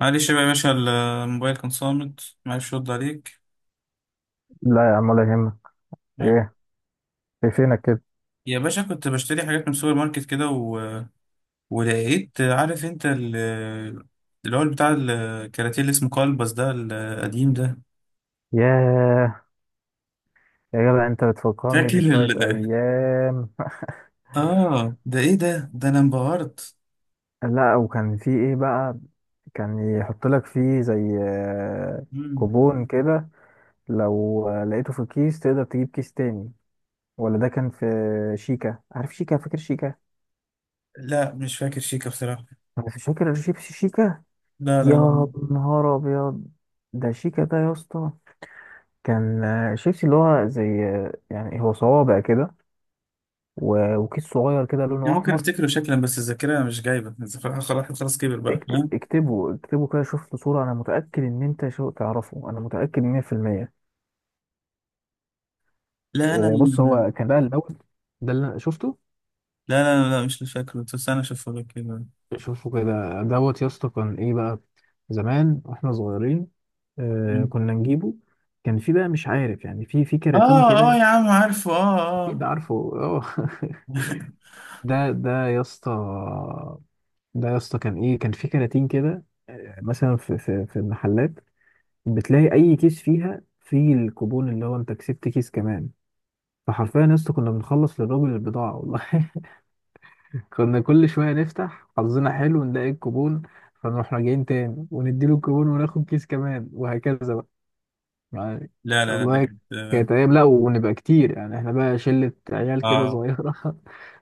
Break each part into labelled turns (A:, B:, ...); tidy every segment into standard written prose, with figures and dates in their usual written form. A: معلش بقى يا باشا، الموبايل كان صامت، معلش رد عليك.
B: لا يا عم ولا يهمك.
A: يعني،
B: ايه؟ في فينك كده؟
A: يا باشا كنت بشتري حاجات من السوبر ماركت كده ولقيت عارف انت اللي هو بتاع الكراتيه اللي اسمه كلبس ده القديم ده.
B: ياه، يا جدع انت بتفكرني
A: فاكر
B: بشوية ايام.
A: اه ده ايه ده؟ انا انبهرت.
B: لا وكان في ايه بقى؟ كان يحط لك فيه زي
A: مم.
B: كوبون كده، لو لقيته في الكيس تقدر تجيب كيس تاني، ولا ده كان في شيكا؟ عارف شيكا؟ فاكر شيكا؟
A: لا مش فاكر شيكا بصراحة.
B: انا مش فاكر شيبسي شيكا.
A: لا لا
B: يا
A: لا.
B: نهار ابيض، ده شيكا ده يا اسطى. كان شيبسي اللي هو زي يعني هو صوابع كده، و- وكيس صغير كده لونه
A: يعني ممكن
B: احمر.
A: افتكره شكلا، بس الذاكرة مش جايبة، الذاكرة، خلاص خلاص كبر بقى.
B: اكتب
A: لا
B: اكتبه اكتبه كده، شوف له صورة. انا متأكد ان انت شو تعرفه، انا متأكد 100%.
A: لا، انا
B: بص،
A: لا.
B: هو كان بقى الاول ده اللي أنا شفته.
A: لا لا، لا مش فاكره، بس انا اشوفه لك كده.
B: شوفه كده دوت يا اسطى. كان ايه بقى؟ زمان واحنا صغيرين، آه كنا نجيبه. كان في بقى مش عارف يعني في كراتين
A: اه اه
B: كده.
A: يا عم، عارفه، اه
B: اكيد
A: اه.
B: عارفه. اه. ده ده يا اسطى، ده يا اسطى كان ايه؟ كان في كراتين كده. مثلا في المحلات بتلاقي اي كيس فيها فيه الكوبون اللي هو انت كسبت كيس كمان. فحرفيا يا اسطى كنا بنخلص للراجل البضاعه والله. كنا كل شويه نفتح حظنا حلو نلاقي الكوبون، فنروح راجعين تاني ونديله الكوبون وناخد كيس كمان وهكذا بقى، يعني.
A: لا لا لا ده
B: والله
A: كانت،
B: كانت ايام. لا، ونبقى كتير يعني، احنا بقى شله عيال كده
A: اه.
B: صغيره.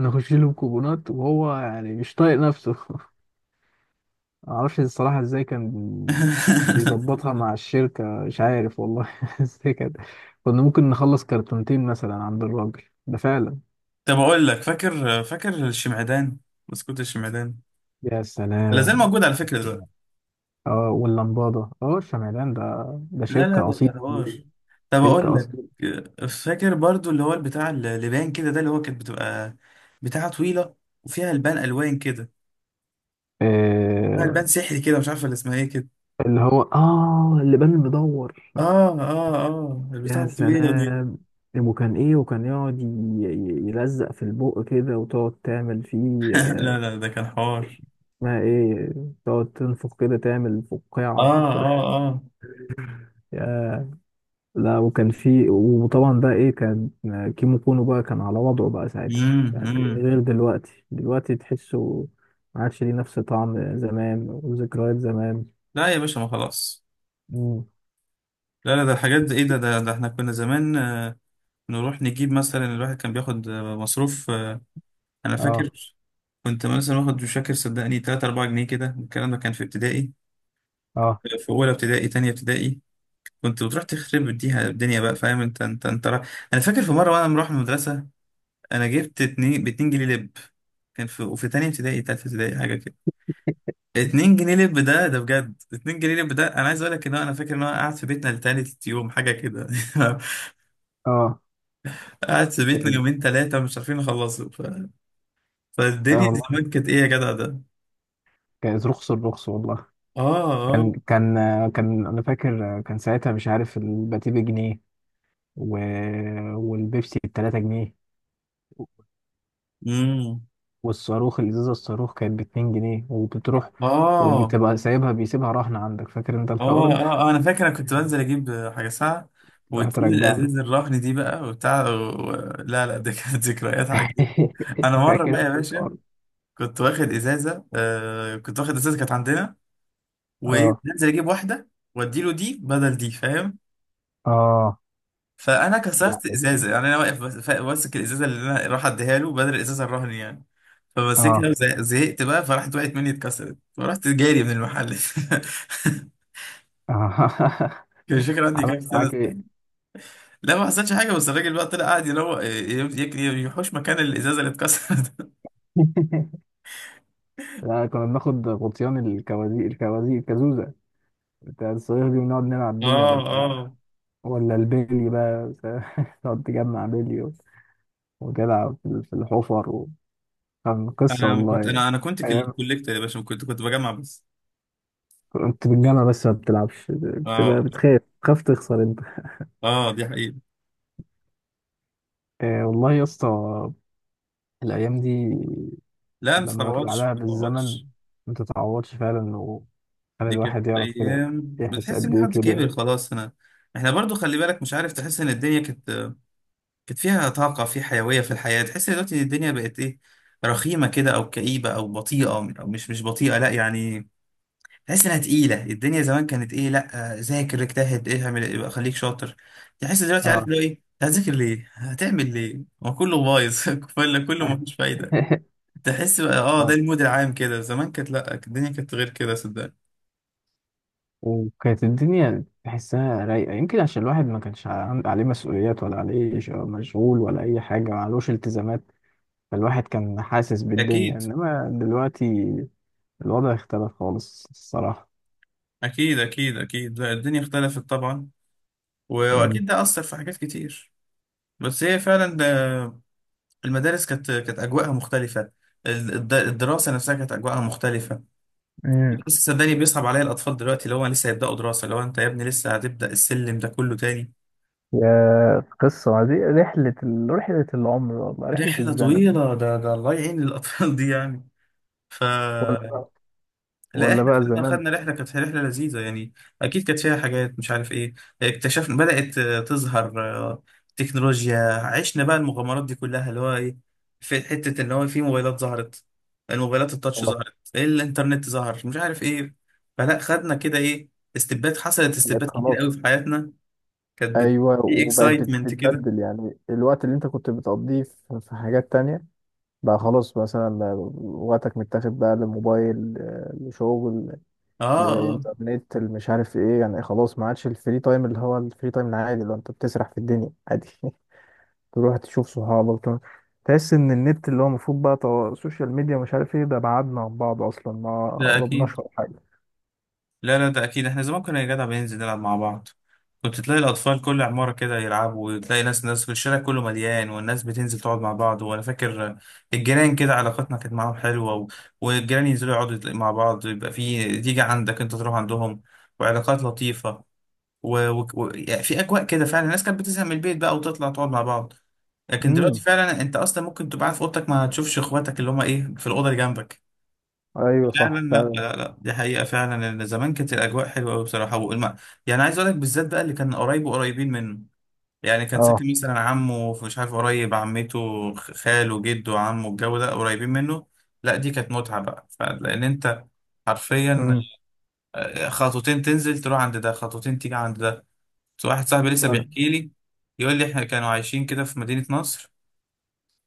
B: نخش له بكوبونات وهو يعني مش طايق نفسه. معرفش الصراحة ازاي كان بيظبطها مع الشركة، مش عارف والله ازاي كده. كنا ممكن نخلص كرتونتين مثلا عند الراجل، ده فعلا.
A: طب اقول لك، فاكر فاكر الشمعدان، بسكوت الشمعدان ده،
B: يا
A: لازال
B: سلام.
A: موجود على فكرة دلوقتي.
B: اه واللمبادة، اه شمعدان ده، ده
A: لا لا
B: شركة
A: ده
B: أصيلة.
A: ده حوار. طب اقول
B: شركة
A: لك،
B: أصيلة.
A: فاكر برضو اللي هو البتاع اللي باين كده، ده اللي هو كانت بتبقى بتاعة طويلة، وفيها البان الوان كده، فيها
B: آه،
A: البان سحري كده، مش عارفه اللي اسمها ايه كده.
B: اللي هو اه اللبان المدور.
A: اه اه اه، البتاعة
B: يا
A: الطويلة دي.
B: سلام. وكان ايه؟ وكان يقعد يلزق في البق كده وتقعد تعمل فيه.
A: لا لا ده كان حوار.
B: اسمها ايه؟ تقعد تنفخ كده تعمل
A: اه
B: فقاعة.
A: اه اه.
B: يا، لا وكان في، وطبعا بقى ايه، كان كيمو كونو بقى كان على وضعه بقى ساعتها. يعني
A: امم.
B: غير دلوقتي، دلوقتي تحسه ما عادش ليه نفس طعم زمان وذكريات زمان.
A: لا يا باشا ما خلاص.
B: مم.
A: لا لا ده الحاجات دي ايه ده. احنا كنا زمان، نروح نجيب مثلا، الواحد كان بياخد مصروف، انا فاكر.
B: اه
A: كنت مثلا واخد، مش فاكر صدقني، 3 4 جنيه كده، الكلام ده كان في ابتدائي،
B: اه
A: في اولى ابتدائي، تانية ابتدائي، كنت بتروح تخرب بيها الدنيا بقى، فاهم؟ انت انا فاكر في مره وانا مروح من المدرسه، انا جبت اتنين ب 2 جنيه لب، كان في تانية ابتدائي، تالتة ابتدائي حاجه كده، 2 جنيه لب ده، بجد 2 جنيه لب ده. انا عايز اقول لك ان هو، انا فاكر ان انا قاعد في بيتنا لتالت يوم حاجه كده.
B: اه.
A: قعد في بيتنا يومين ثلاثة مش عارفين نخلصه.
B: اه
A: فالدنيا
B: والله.
A: زمان كانت ايه يا جدع ده.
B: كان رخص الرخص والله.
A: اه اه.
B: كان كان انا فاكر، كان ساعتها مش عارف الباتيه بجنيه و... والبيبسي ب 3 جنيه.
A: امم.
B: والصاروخ الازازه، الصاروخ كانت باتنين جنيه، وبتروح
A: اه
B: وبتبقى سايبها، بيسيبها رهن عندك. فاكر انت الحوار
A: اه
B: ده؟
A: اه. انا فاكر انا كنت بنزل اجيب حاجة ساعة،
B: تروح
A: وتسيب
B: ترجع له.
A: الازاز الرهن دي بقى وبتاع لا لا ده كانت ذكريات عجيبة. انا مرة
B: فاكر
A: بقى يا
B: انت الحوار
A: باشا،
B: ده؟
A: كنت واخد ازازة، آه كنت واخد ازازة كانت عندنا، وايه
B: اه
A: بنزل اجيب واحدة واديله دي بدل دي، فاهم.
B: اه،
A: فانا
B: لا،
A: كسرت
B: بس-
A: ازازه، يعني انا واقف ماسك الازازه اللي انا راح اديها له بدل الازازه الرهن يعني، فمسكها
B: اه
A: وزهقت بقى، فراحت وقعت مني اتكسرت، فرحت جاري من المحل.
B: اه.
A: كان، مش فاكر عندي
B: عمل
A: كام سنه،
B: معاك ايه؟
A: سنة. لا ما حصلش حاجه، بس الراجل بقى طلع قاعد يحوش مكان الازازه اللي اتكسرت.
B: لا كنا بناخد غطيان الكوازيق، الكازوزه بتاع الصاروخ دي، ونقعد نلعب بيها
A: اه
B: وبتاع.
A: اه.
B: ولا البيلي بقى تقعد تجمع بيلي وتلعب في الحفر و... كان قصة
A: انا ما كنت،
B: والله.
A: انا كنت كوليكتور يا باشا، كنت بجمع بس.
B: انت بالجامعة بس ما بتلعبش، بتبقى
A: اه
B: بتخاف تخسر انت.
A: اه، دي حقيقه.
B: آه والله يا اسطى. الأيام دي
A: لا ما
B: لما أرجع
A: تتعوضش ما
B: لها بالزمن،
A: تتعوضش.
B: ما تتعوضش فعلا. وخلي
A: دي كانت
B: الواحد يعرف كده،
A: ايام،
B: يحس
A: بتحس
B: قد
A: ان
B: إيه
A: حد
B: كبر.
A: كبر خلاص انا. احنا برضو خلي بالك، مش عارف، تحس ان الدنيا كانت، فيها طاقه، في حيويه، في الحياه، تحس إن دلوقتي الدنيا بقت ايه، رخيمه كده او كئيبه او بطيئه، او مش بطيئه، لا يعني، تحس انها تقيله. الدنيا زمان كانت ايه؟ لا، ذاكر اجتهد، ايه اعمل، يبقى خليك شاطر. تحس دلوقتي، عارف،
B: اه.
A: لو ايه هتذاكر؟ ليه هتعمل؟ ليه؟ هو كله بايظ، كله كله مفيش فايده. تحس بقى، اه، ده
B: آه.
A: المود العام كده. زمان كانت، لا، الدنيا كانت غير كده صدقني.
B: وكانت الدنيا تحسها رايقة، يمكن عشان الواحد ما كانش عليه مسؤوليات، ولا عليه مشغول، ولا أي حاجة، ما علوش التزامات. فالواحد كان حاسس بالدنيا،
A: اكيد
B: إنما دلوقتي الوضع اختلف خالص الصراحة.
A: أكيد أكيد أكيد. لا الدنيا اختلفت طبعا، وأكيد ده أثر في حاجات كتير، بس هي فعلا، آه، المدارس كانت أجواءها مختلفة. الدراسة نفسها كانت أجواءها مختلفة.
B: مم.
A: لسه صدقني بيصعب عليا الأطفال دلوقتي، اللي هو لسه هيبدأوا دراسة، اللي هو أنت يا ابني لسه هتبدأ السلم ده كله تاني.
B: يا قصة، دي رحلة ال... رحلة العمر والله، رحلة
A: رحلة
B: الزمن.
A: طويلة، ده الله يعين الأطفال دي يعني. ف
B: ولا بقى.
A: لا
B: ولا
A: احنا
B: بقى
A: خدنا،
B: زمان.
A: رحله كانت رحله لذيذه يعني، اكيد كانت فيها حاجات مش عارف ايه، اكتشفنا، بدات تظهر آه، تكنولوجيا عشنا بقى المغامرات دي كلها اللي هو ايه، في حته ان هو في موبايلات ظهرت، الموبايلات التاتش
B: خلاص.
A: ظهرت، الانترنت ظهر، مش عارف ايه. فلا خدنا كده ايه، استبات حصلت،
B: بقت
A: استبات كتير قوي
B: خلاص.
A: في حياتنا، كانت بت...
B: ايوه،
A: في
B: وبقت
A: اكسايتمنت كده.
B: بتتبدل. يعني الوقت اللي انت كنت بتقضيه في حاجات تانية بقى خلاص مثلا، وقتك متاخد بقى للموبايل، لشغل،
A: اه اه
B: للانترنت، اللي مش عارف ايه، يعني خلاص. ما عادش الفري تايم، اللي هو الفري تايم العادي، اللي هو انت بتسرح في الدنيا عادي، تروح تشوف صحابك، تحس ان النت، اللي هو المفروض بقى، سوشيال ميديا مش عارف ايه، ده بعدنا عن بعض اصلا، ما
A: ده اكيد.
B: قربناش ولا حاجه.
A: لا لا ده اكيد، احنا زمان كنا يا جدع بننزل نلعب مع بعض، كنت تلاقي الاطفال كل عماره كده يلعبوا، وتلاقي ناس ناس في الشارع كله مليان، والناس بتنزل تقعد مع بعض، وانا فاكر الجيران كده علاقتنا كانت معاهم حلوه والجيران ينزلوا يقعدوا مع بعض، يبقى في تيجي عندك انت تروح عندهم، وعلاقات لطيفه يعني في اجواء كده فعلا، الناس كانت بتزهق من البيت بقى وتطلع تقعد مع بعض. لكن دلوقتي
B: امم.
A: فعلا انت اصلا ممكن تبقى قاعد في اوضتك ما تشوفش اخواتك اللي هم ايه في الاوضه اللي جنبك.
B: ايوه
A: لا لا
B: صح
A: لا
B: فعلا.
A: لا لا، دي حقيقة فعلا، ان زمان كانت الأجواء حلوة أوي بصراحة. يعني عايز أقول لك بالذات بقى، اللي كان قريب وقريبين منه، يعني كان
B: اه.
A: ساكن مثلا عمه في مش عارف قريب، عمته، خاله جده، عمه، الجو ده قريبين منه. لا دي كانت متعة بقى، لأن أنت حرفيا
B: امم.
A: خطوتين تنزل تروح عند ده، خطوتين تيجي عند ده. بس واحد صاحبي لسه
B: فعلا.
A: بيحكي لي، يقول لي إحنا كانوا عايشين كده في مدينة نصر،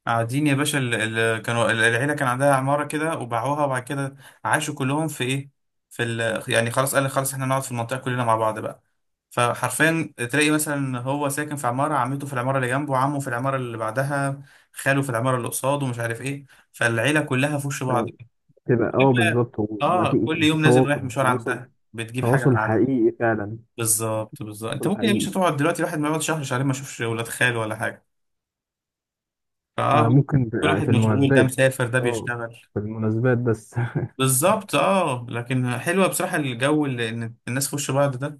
A: قاعدين يا باشا، العيلة كان عندها عمارة كده، وباعوها، وبعد كده عاشوا كلهم في ايه، في ال يعني خلاص قال لك، خلاص احنا نقعد في المنطقة كلنا مع بعض بقى. فحرفيا تلاقي مثلا هو ساكن في عمارة، عمته في العمارة اللي جنبه، عمه في العمارة اللي بعدها، خاله في العمارة اللي قصاده، ومش عارف ايه، فالعيلة كلها في وش بعض.
B: فعلا. تبقى اه بالظبط، وما
A: اه
B: في،
A: كل
B: كان في
A: يوم نازل رايح
B: تواصل،
A: مشوار عندها، بتجيب حاجة
B: تواصل
A: من عندها.
B: حقيقي فعلا.
A: بالظبط بالظبط، انت
B: تواصل
A: ممكن يا
B: حقيقي،
A: باشا تقعد دلوقتي الواحد ما يقعد شهر شهرين ما يشوفش ولاد خاله ولا حاجة،
B: يعني
A: فاه،
B: ممكن
A: كل
B: في
A: واحد
B: في
A: مشغول، ده
B: المناسبات.
A: مسافر، ده
B: اه
A: بيشتغل.
B: في المناسبات بس.
A: بالظبط اه، لكن حلوه بصراحه، الجو اللي ان الناس في وش بعض ده،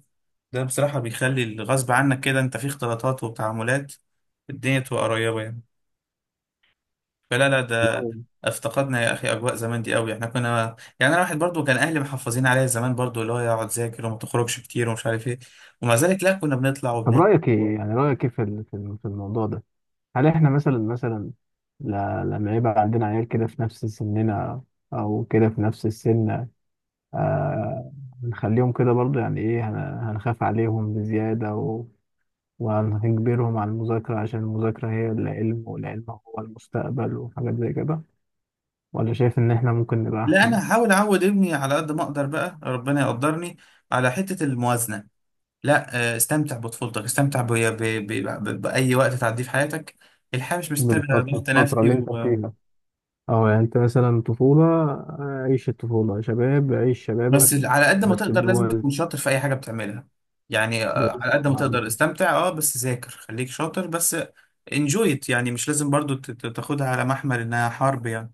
A: ده بصراحه بيخلي الغصب عنك كده انت في اختلاطات وتعاملات، الدنيا تبقى قريبه يعني. فلا لا ده افتقدنا يا اخي اجواء زمان دي قوي. احنا كنا يعني، انا واحد برضو كان اهلي محافظين عليا زمان برضو، اللي هو يقعد ذاكر وما تخرجش كتير ومش عارف ايه، ومع ذلك لا كنا بنطلع
B: طب
A: وبنلعب.
B: رأيك
A: و-
B: ايه، يعني رأيك ايه في الموضوع ده؟ هل احنا مثلا، لما يبقى عندنا عيال كده في نفس سننا، او كده في نفس السن، آه، هنخليهم كده برضو يعني ايه، هنخاف عليهم بزيادة و... وهنجبرهم على المذاكرة، عشان المذاكرة هي العلم والعلم هو المستقبل وحاجات زي كده؟ ولا شايف ان احنا ممكن نبقى
A: لا
B: احسن
A: انا هحاول اعود ابني على قد ما اقدر بقى، ربنا يقدرني على حته الموازنه. لا استمتع بطفولتك، استمتع بأي وقت تعديه في حياتك. الحياة مش مستاهلة
B: بالفترة،
A: ضغط
B: الفترة
A: نفسي
B: اللي انت فيها؟ او يعني انت مثلا طفولة، عيش الطفولة، شباب عيش
A: بس
B: شبابك،
A: على قد ما
B: بس
A: تقدر لازم
B: بوزن.
A: تكون شاطر في أي حاجة بتعملها. يعني على
B: بوزن
A: قد ما تقدر
B: وعقل.
A: استمتع، اه، بس ذاكر، خليك شاطر بس، انجويت، يعني مش لازم برضو تاخدها على محمل إنها حرب يعني.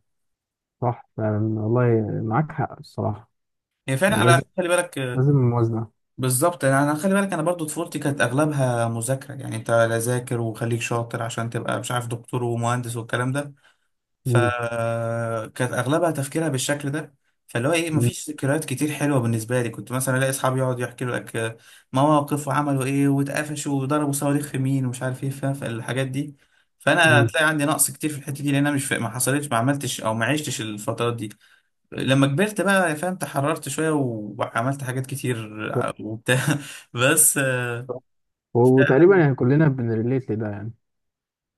B: صح فعلا والله، معاك حق الصراحة.
A: هي فعلا، على
B: لازم.
A: خلي بالك،
B: لازم موازنة.
A: بالظبط يعني أنا خلي بالك أنا برضو طفولتي كانت أغلبها مذاكرة، يعني أنت لا، ذاكر وخليك شاطر عشان تبقى مش عارف دكتور ومهندس والكلام ده،
B: مم.
A: فكانت اغلبها تفكيرها بالشكل ده. فاللي هو ايه،
B: مم.
A: مفيش ذكريات كتير حلوه بالنسبه لي، كنت مثلا الاقي اصحابي يقعدوا يحكوا لك مواقف وعملوا ايه واتقفشوا وضربوا صواريخ في مين ومش عارف ايه، فاهم، فالحاجات دي فانا
B: مم.
A: هتلاقي عندي نقص كتير في الحته دي لان انا مش فا- ما حصلتش ما عملتش او ما عشتش الفترات دي. لما كبرت بقى، فاهم، تحررت شويه وعملت حاجات كتير
B: صح.
A: وبتاع. بس
B: صح. وتقريبا يعني كلنا بنريليت لده يعني.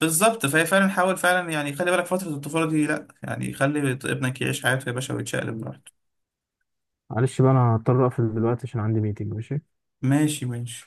A: بالظبط فهي فعلا، حاول فعلا يعني خلي بالك فترة الطفولة دي، لا يعني خلي ابنك يعيش حياته يا باشا ويتشقلب
B: مم.
A: براحته.
B: معلش بقى، أنا هضطر أقفل دلوقتي عشان عندي ميتنج. ماشي.
A: ماشي ماشي.